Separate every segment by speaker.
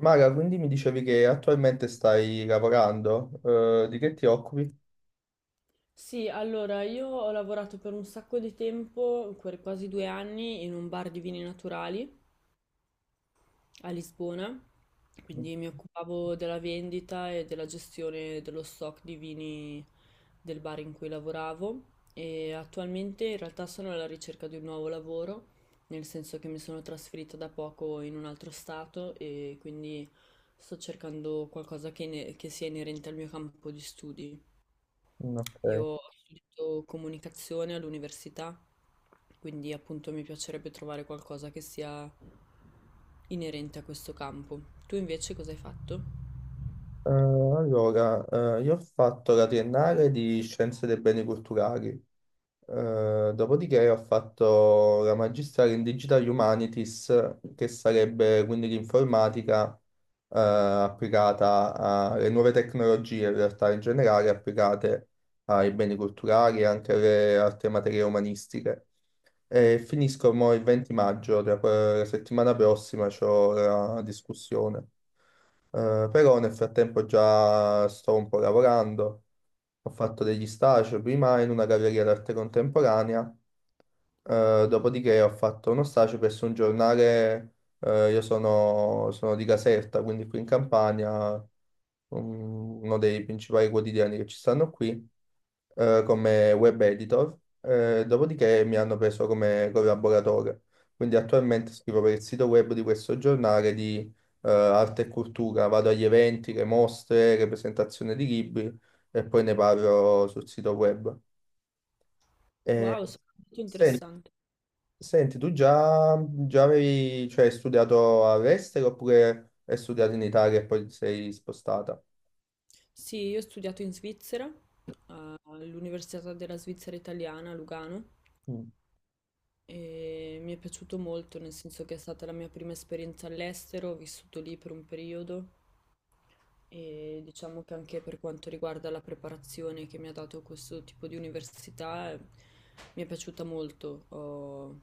Speaker 1: Mara, quindi mi dicevi che attualmente stai lavorando, di che ti occupi?
Speaker 2: Sì, allora io ho lavorato per un sacco di tempo, quasi 2 anni, in un bar di vini naturali a Lisbona, quindi mi occupavo della vendita e della gestione dello stock di vini del bar in cui lavoravo e attualmente in realtà sono alla ricerca di un nuovo lavoro, nel senso che mi sono trasferita da poco in un altro stato e quindi sto cercando qualcosa che, che sia inerente al mio campo di studi.
Speaker 1: Mm, ok.
Speaker 2: Io ho studiato comunicazione all'università, quindi appunto mi piacerebbe trovare qualcosa che sia inerente a questo campo. Tu invece cosa hai fatto?
Speaker 1: Allora, io ho fatto la triennale di Scienze dei Beni Culturali. Dopodiché ho fatto la magistrale in Digital Humanities, che sarebbe quindi l'informatica, applicata alle nuove tecnologie, in realtà in generale applicate ai beni culturali e anche alle altre materie umanistiche. E finisco mo il 20 maggio, la settimana prossima c'ho la discussione. Però nel frattempo già sto un po' lavorando, ho fatto degli stage prima in una galleria d'arte contemporanea, dopodiché ho fatto uno stage presso un giornale. Sono di Caserta, quindi qui in Campania, uno dei principali quotidiani che ci stanno qui, come web editor, dopodiché mi hanno preso come collaboratore. Quindi attualmente scrivo per il sito web di questo giornale di arte e cultura, vado agli eventi, le mostre, le presentazioni di libri e poi ne parlo sul sito web. Eh,
Speaker 2: Wow, molto
Speaker 1: sen-
Speaker 2: interessante.
Speaker 1: senti, tu già, hai studiato all'estero oppure hai studiato in Italia e poi ti sei spostata?
Speaker 2: Sì, io ho studiato in Svizzera, all'Università della Svizzera Italiana a Lugano
Speaker 1: Mm.
Speaker 2: e mi è piaciuto molto, nel senso che è stata la mia prima esperienza all'estero, ho vissuto lì per un periodo. E diciamo che anche per quanto riguarda la preparazione che mi ha dato questo tipo di università, mi è piaciuta molto.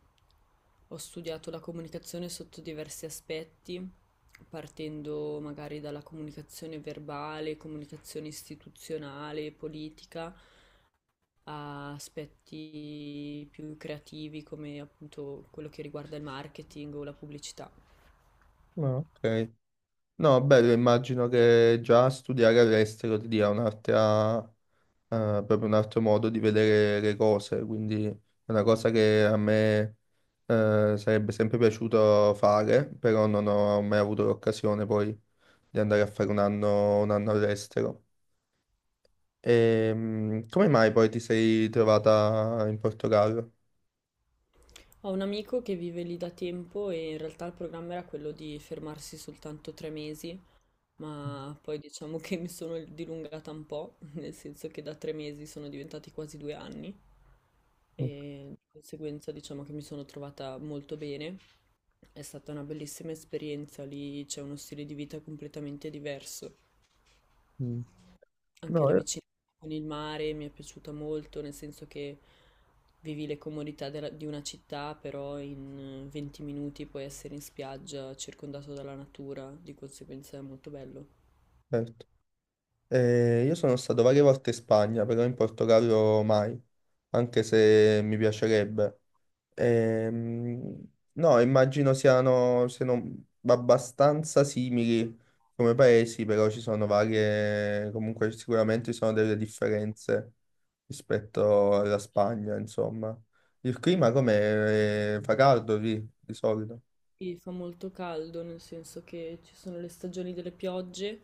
Speaker 2: Ho studiato la comunicazione sotto diversi aspetti, partendo magari dalla comunicazione verbale, comunicazione istituzionale, politica, a aspetti più creativi come appunto quello che riguarda il marketing o la pubblicità.
Speaker 1: Ah, ok. No, bello, immagino che già studiare all'estero ti dia un'altra, proprio un altro modo di vedere le cose, quindi è una cosa che a me, sarebbe sempre piaciuto fare, però non ho mai avuto l'occasione poi di andare a fare un anno all'estero. Come mai poi ti sei trovata in Portogallo?
Speaker 2: Ho un amico che vive lì da tempo e in realtà il programma era quello di fermarsi soltanto 3 mesi, ma poi diciamo che mi sono dilungata un po', nel senso che da 3 mesi sono diventati quasi 2 anni e di conseguenza diciamo che mi sono trovata molto bene. È stata una bellissima esperienza, lì c'è uno stile di vita completamente diverso.
Speaker 1: Ok.
Speaker 2: Anche
Speaker 1: No,
Speaker 2: la
Speaker 1: io-
Speaker 2: vicinanza con il mare mi è piaciuta molto, nel senso che vivi le comodità di una città, però in 20 minuti puoi essere in spiaggia, circondato dalla natura, di conseguenza è molto bello.
Speaker 1: certo. Io sono stato varie volte in Spagna, però in Portogallo mai, anche se mi piacerebbe. Ehm, no, immagino siano abbastanza simili come paesi, però ci sono varie, comunque sicuramente ci sono delle differenze rispetto alla Spagna, insomma. Il clima com'è? Fa caldo lì, di solito.
Speaker 2: Sì, fa molto caldo, nel senso che ci sono le stagioni delle piogge,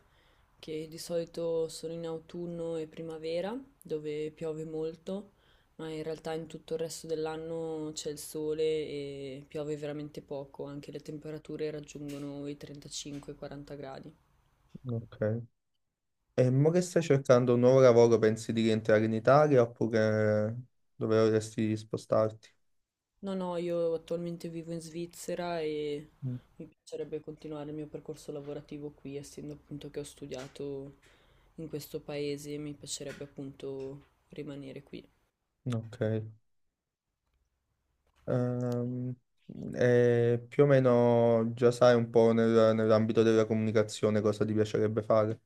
Speaker 2: che di solito sono in autunno e primavera, dove piove molto, ma in realtà in tutto il resto dell'anno c'è il sole e piove veramente poco, anche le temperature raggiungono i 35-40 gradi.
Speaker 1: Ok. E mo che stai cercando un nuovo lavoro, pensi di rientrare in Italia oppure dove vorresti spostarti?
Speaker 2: No, no, io attualmente vivo in Svizzera e
Speaker 1: Mm,
Speaker 2: mi piacerebbe continuare il mio percorso lavorativo qui, essendo appunto che ho studiato in questo paese, mi piacerebbe appunto rimanere qui.
Speaker 1: ok. Ehm, e più o meno già sai un po' nell'ambito della comunicazione cosa ti piacerebbe fare?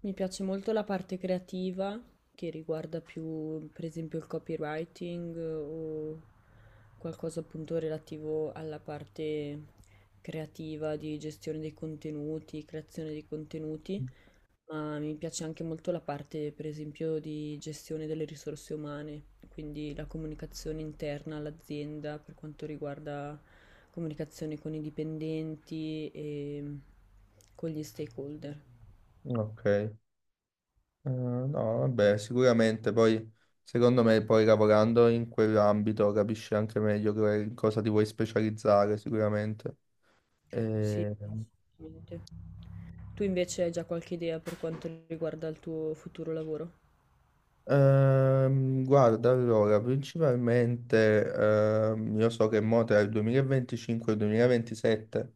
Speaker 2: Mi piace molto la parte creativa, che riguarda più per esempio il copywriting o qualcosa appunto relativo alla parte creativa di gestione dei contenuti, creazione dei contenuti. Ma mi piace anche molto la parte, per esempio, di gestione delle risorse umane, quindi la comunicazione interna all'azienda per quanto riguarda comunicazione con i dipendenti e con gli stakeholder.
Speaker 1: Ok. No, vabbè, sicuramente poi secondo me poi lavorando in quell'ambito capisci anche meglio in cosa ti vuoi specializzare sicuramente.
Speaker 2: Sì,
Speaker 1: E
Speaker 2: assolutamente. Tu invece hai già qualche idea per quanto riguarda il tuo futuro lavoro?
Speaker 1: Guarda, allora, principalmente io so che mo tra il 2025 e il 2027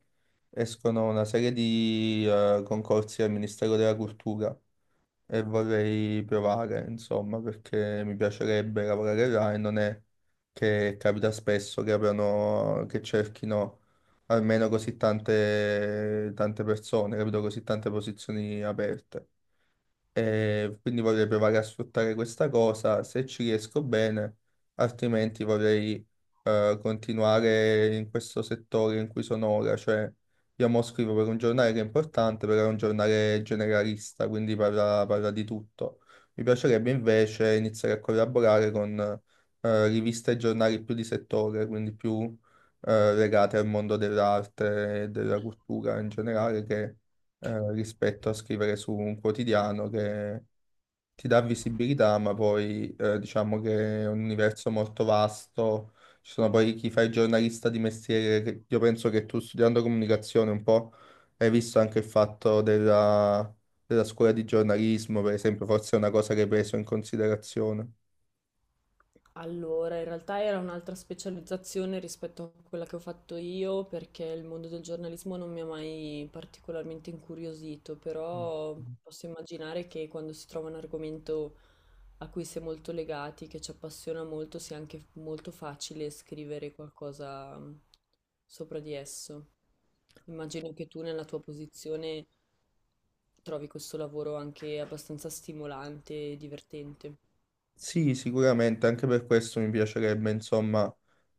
Speaker 1: escono una serie di concorsi al Ministero della Cultura e vorrei provare, insomma, perché mi piacerebbe lavorare là e non è che capita spesso che apriano, che cerchino almeno così tante, tante persone, capito? Così tante posizioni aperte e quindi vorrei provare a sfruttare questa cosa se ci riesco bene, altrimenti vorrei continuare in questo settore in cui sono ora, cioè io mo scrivo per un giornale che è importante, però è un giornale generalista, quindi parla di tutto. Mi piacerebbe invece iniziare a collaborare con riviste e giornali più di settore, quindi più legate al mondo dell'arte e della cultura in generale, che rispetto a scrivere su un quotidiano che ti dà visibilità, ma poi diciamo che è un universo molto vasto. Ci sono poi chi fa il giornalista di mestiere, che io penso che tu studiando comunicazione un po' hai visto anche il fatto della scuola di giornalismo, per esempio, forse è una cosa che hai preso in considerazione.
Speaker 2: Allora, in realtà era un'altra specializzazione rispetto a quella che ho fatto io, perché il mondo del giornalismo non mi ha mai particolarmente incuriosito, però posso immaginare che quando si trova un argomento a cui si è molto legati, che ci appassiona molto, sia anche molto facile scrivere qualcosa sopra di esso. Immagino che tu nella tua posizione trovi questo lavoro anche abbastanza stimolante e divertente.
Speaker 1: Sì, sicuramente, anche per questo mi piacerebbe, insomma,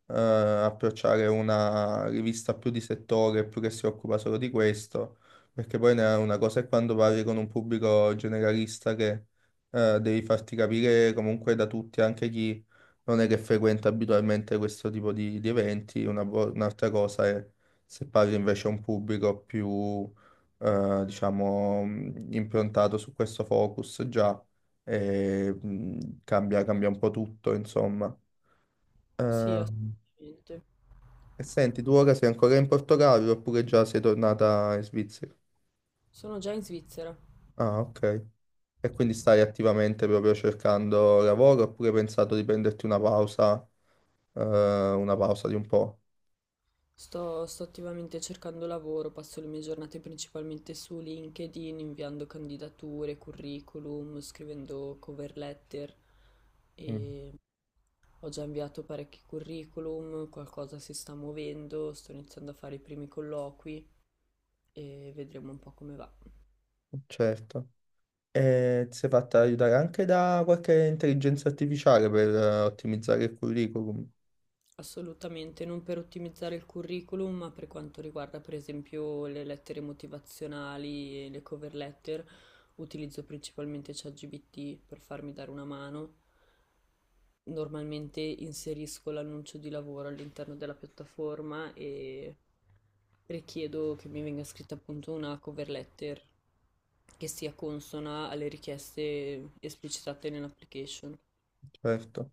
Speaker 1: approcciare una rivista più di settore, più che si occupa solo di questo, perché poi una cosa è quando parli con un pubblico generalista che devi farti capire comunque da tutti, anche chi non è che frequenta abitualmente questo tipo di eventi, un'altra cosa è se parli invece a un pubblico più, diciamo, improntato su questo focus già e cambia un po' tutto, insomma.
Speaker 2: Sì,
Speaker 1: Mm.
Speaker 2: assolutamente.
Speaker 1: E senti, tu ora sei ancora in Portogallo oppure già sei tornata in Svizzera?
Speaker 2: Sono già in Svizzera.
Speaker 1: Ah, ok. E quindi stai attivamente proprio cercando lavoro oppure hai pensato di prenderti eh, una pausa di un po'?
Speaker 2: Sto attivamente cercando lavoro, passo le mie giornate principalmente su LinkedIn, inviando candidature, curriculum, scrivendo cover letter
Speaker 1: Mm,
Speaker 2: e ho già inviato parecchi curriculum, qualcosa si sta muovendo, sto iniziando a fare i primi colloqui e vedremo un po' come va.
Speaker 1: certo. E ti sei fatta aiutare anche da qualche intelligenza artificiale per ottimizzare il curriculum?
Speaker 2: Assolutamente, non per ottimizzare il curriculum, ma per quanto riguarda per esempio le lettere motivazionali e le cover letter, utilizzo principalmente ChatGPT per farmi dare una mano. Normalmente inserisco l'annuncio di lavoro all'interno della piattaforma e richiedo che mi venga scritta appunto una cover letter che sia consona alle richieste esplicitate nell'application.
Speaker 1: Certo.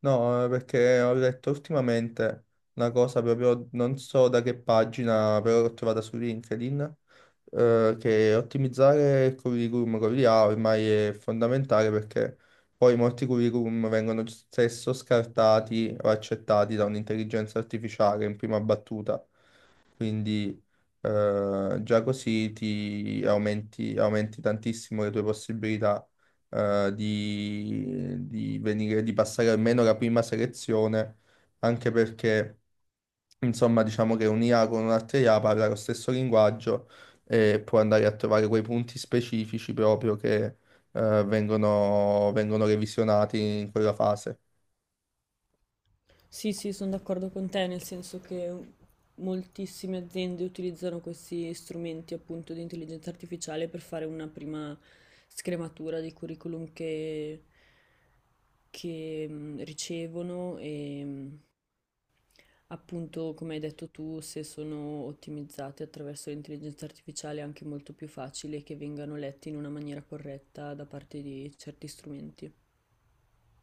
Speaker 1: No, perché ho letto ultimamente una cosa proprio, non so da che pagina, però l'ho trovata su LinkedIn, che ottimizzare il curriculum con l'IA ormai è fondamentale perché poi molti curriculum vengono spesso scartati o accettati da un'intelligenza artificiale in prima battuta, quindi già così ti aumenti, aumenti tantissimo le tue possibilità di venire, di passare almeno la prima selezione, anche perché, insomma, diciamo che un'IA con un'altra IA parla lo stesso linguaggio e può andare a trovare quei punti specifici proprio che vengono revisionati in quella fase.
Speaker 2: Sì, sì, sono d'accordo con te, nel senso che moltissime aziende utilizzano questi strumenti appunto di intelligenza artificiale per fare una prima scrematura dei curriculum che ricevono e appunto, come hai detto tu, se sono ottimizzate attraverso l'intelligenza artificiale è anche molto più facile che vengano letti in una maniera corretta da parte di certi strumenti.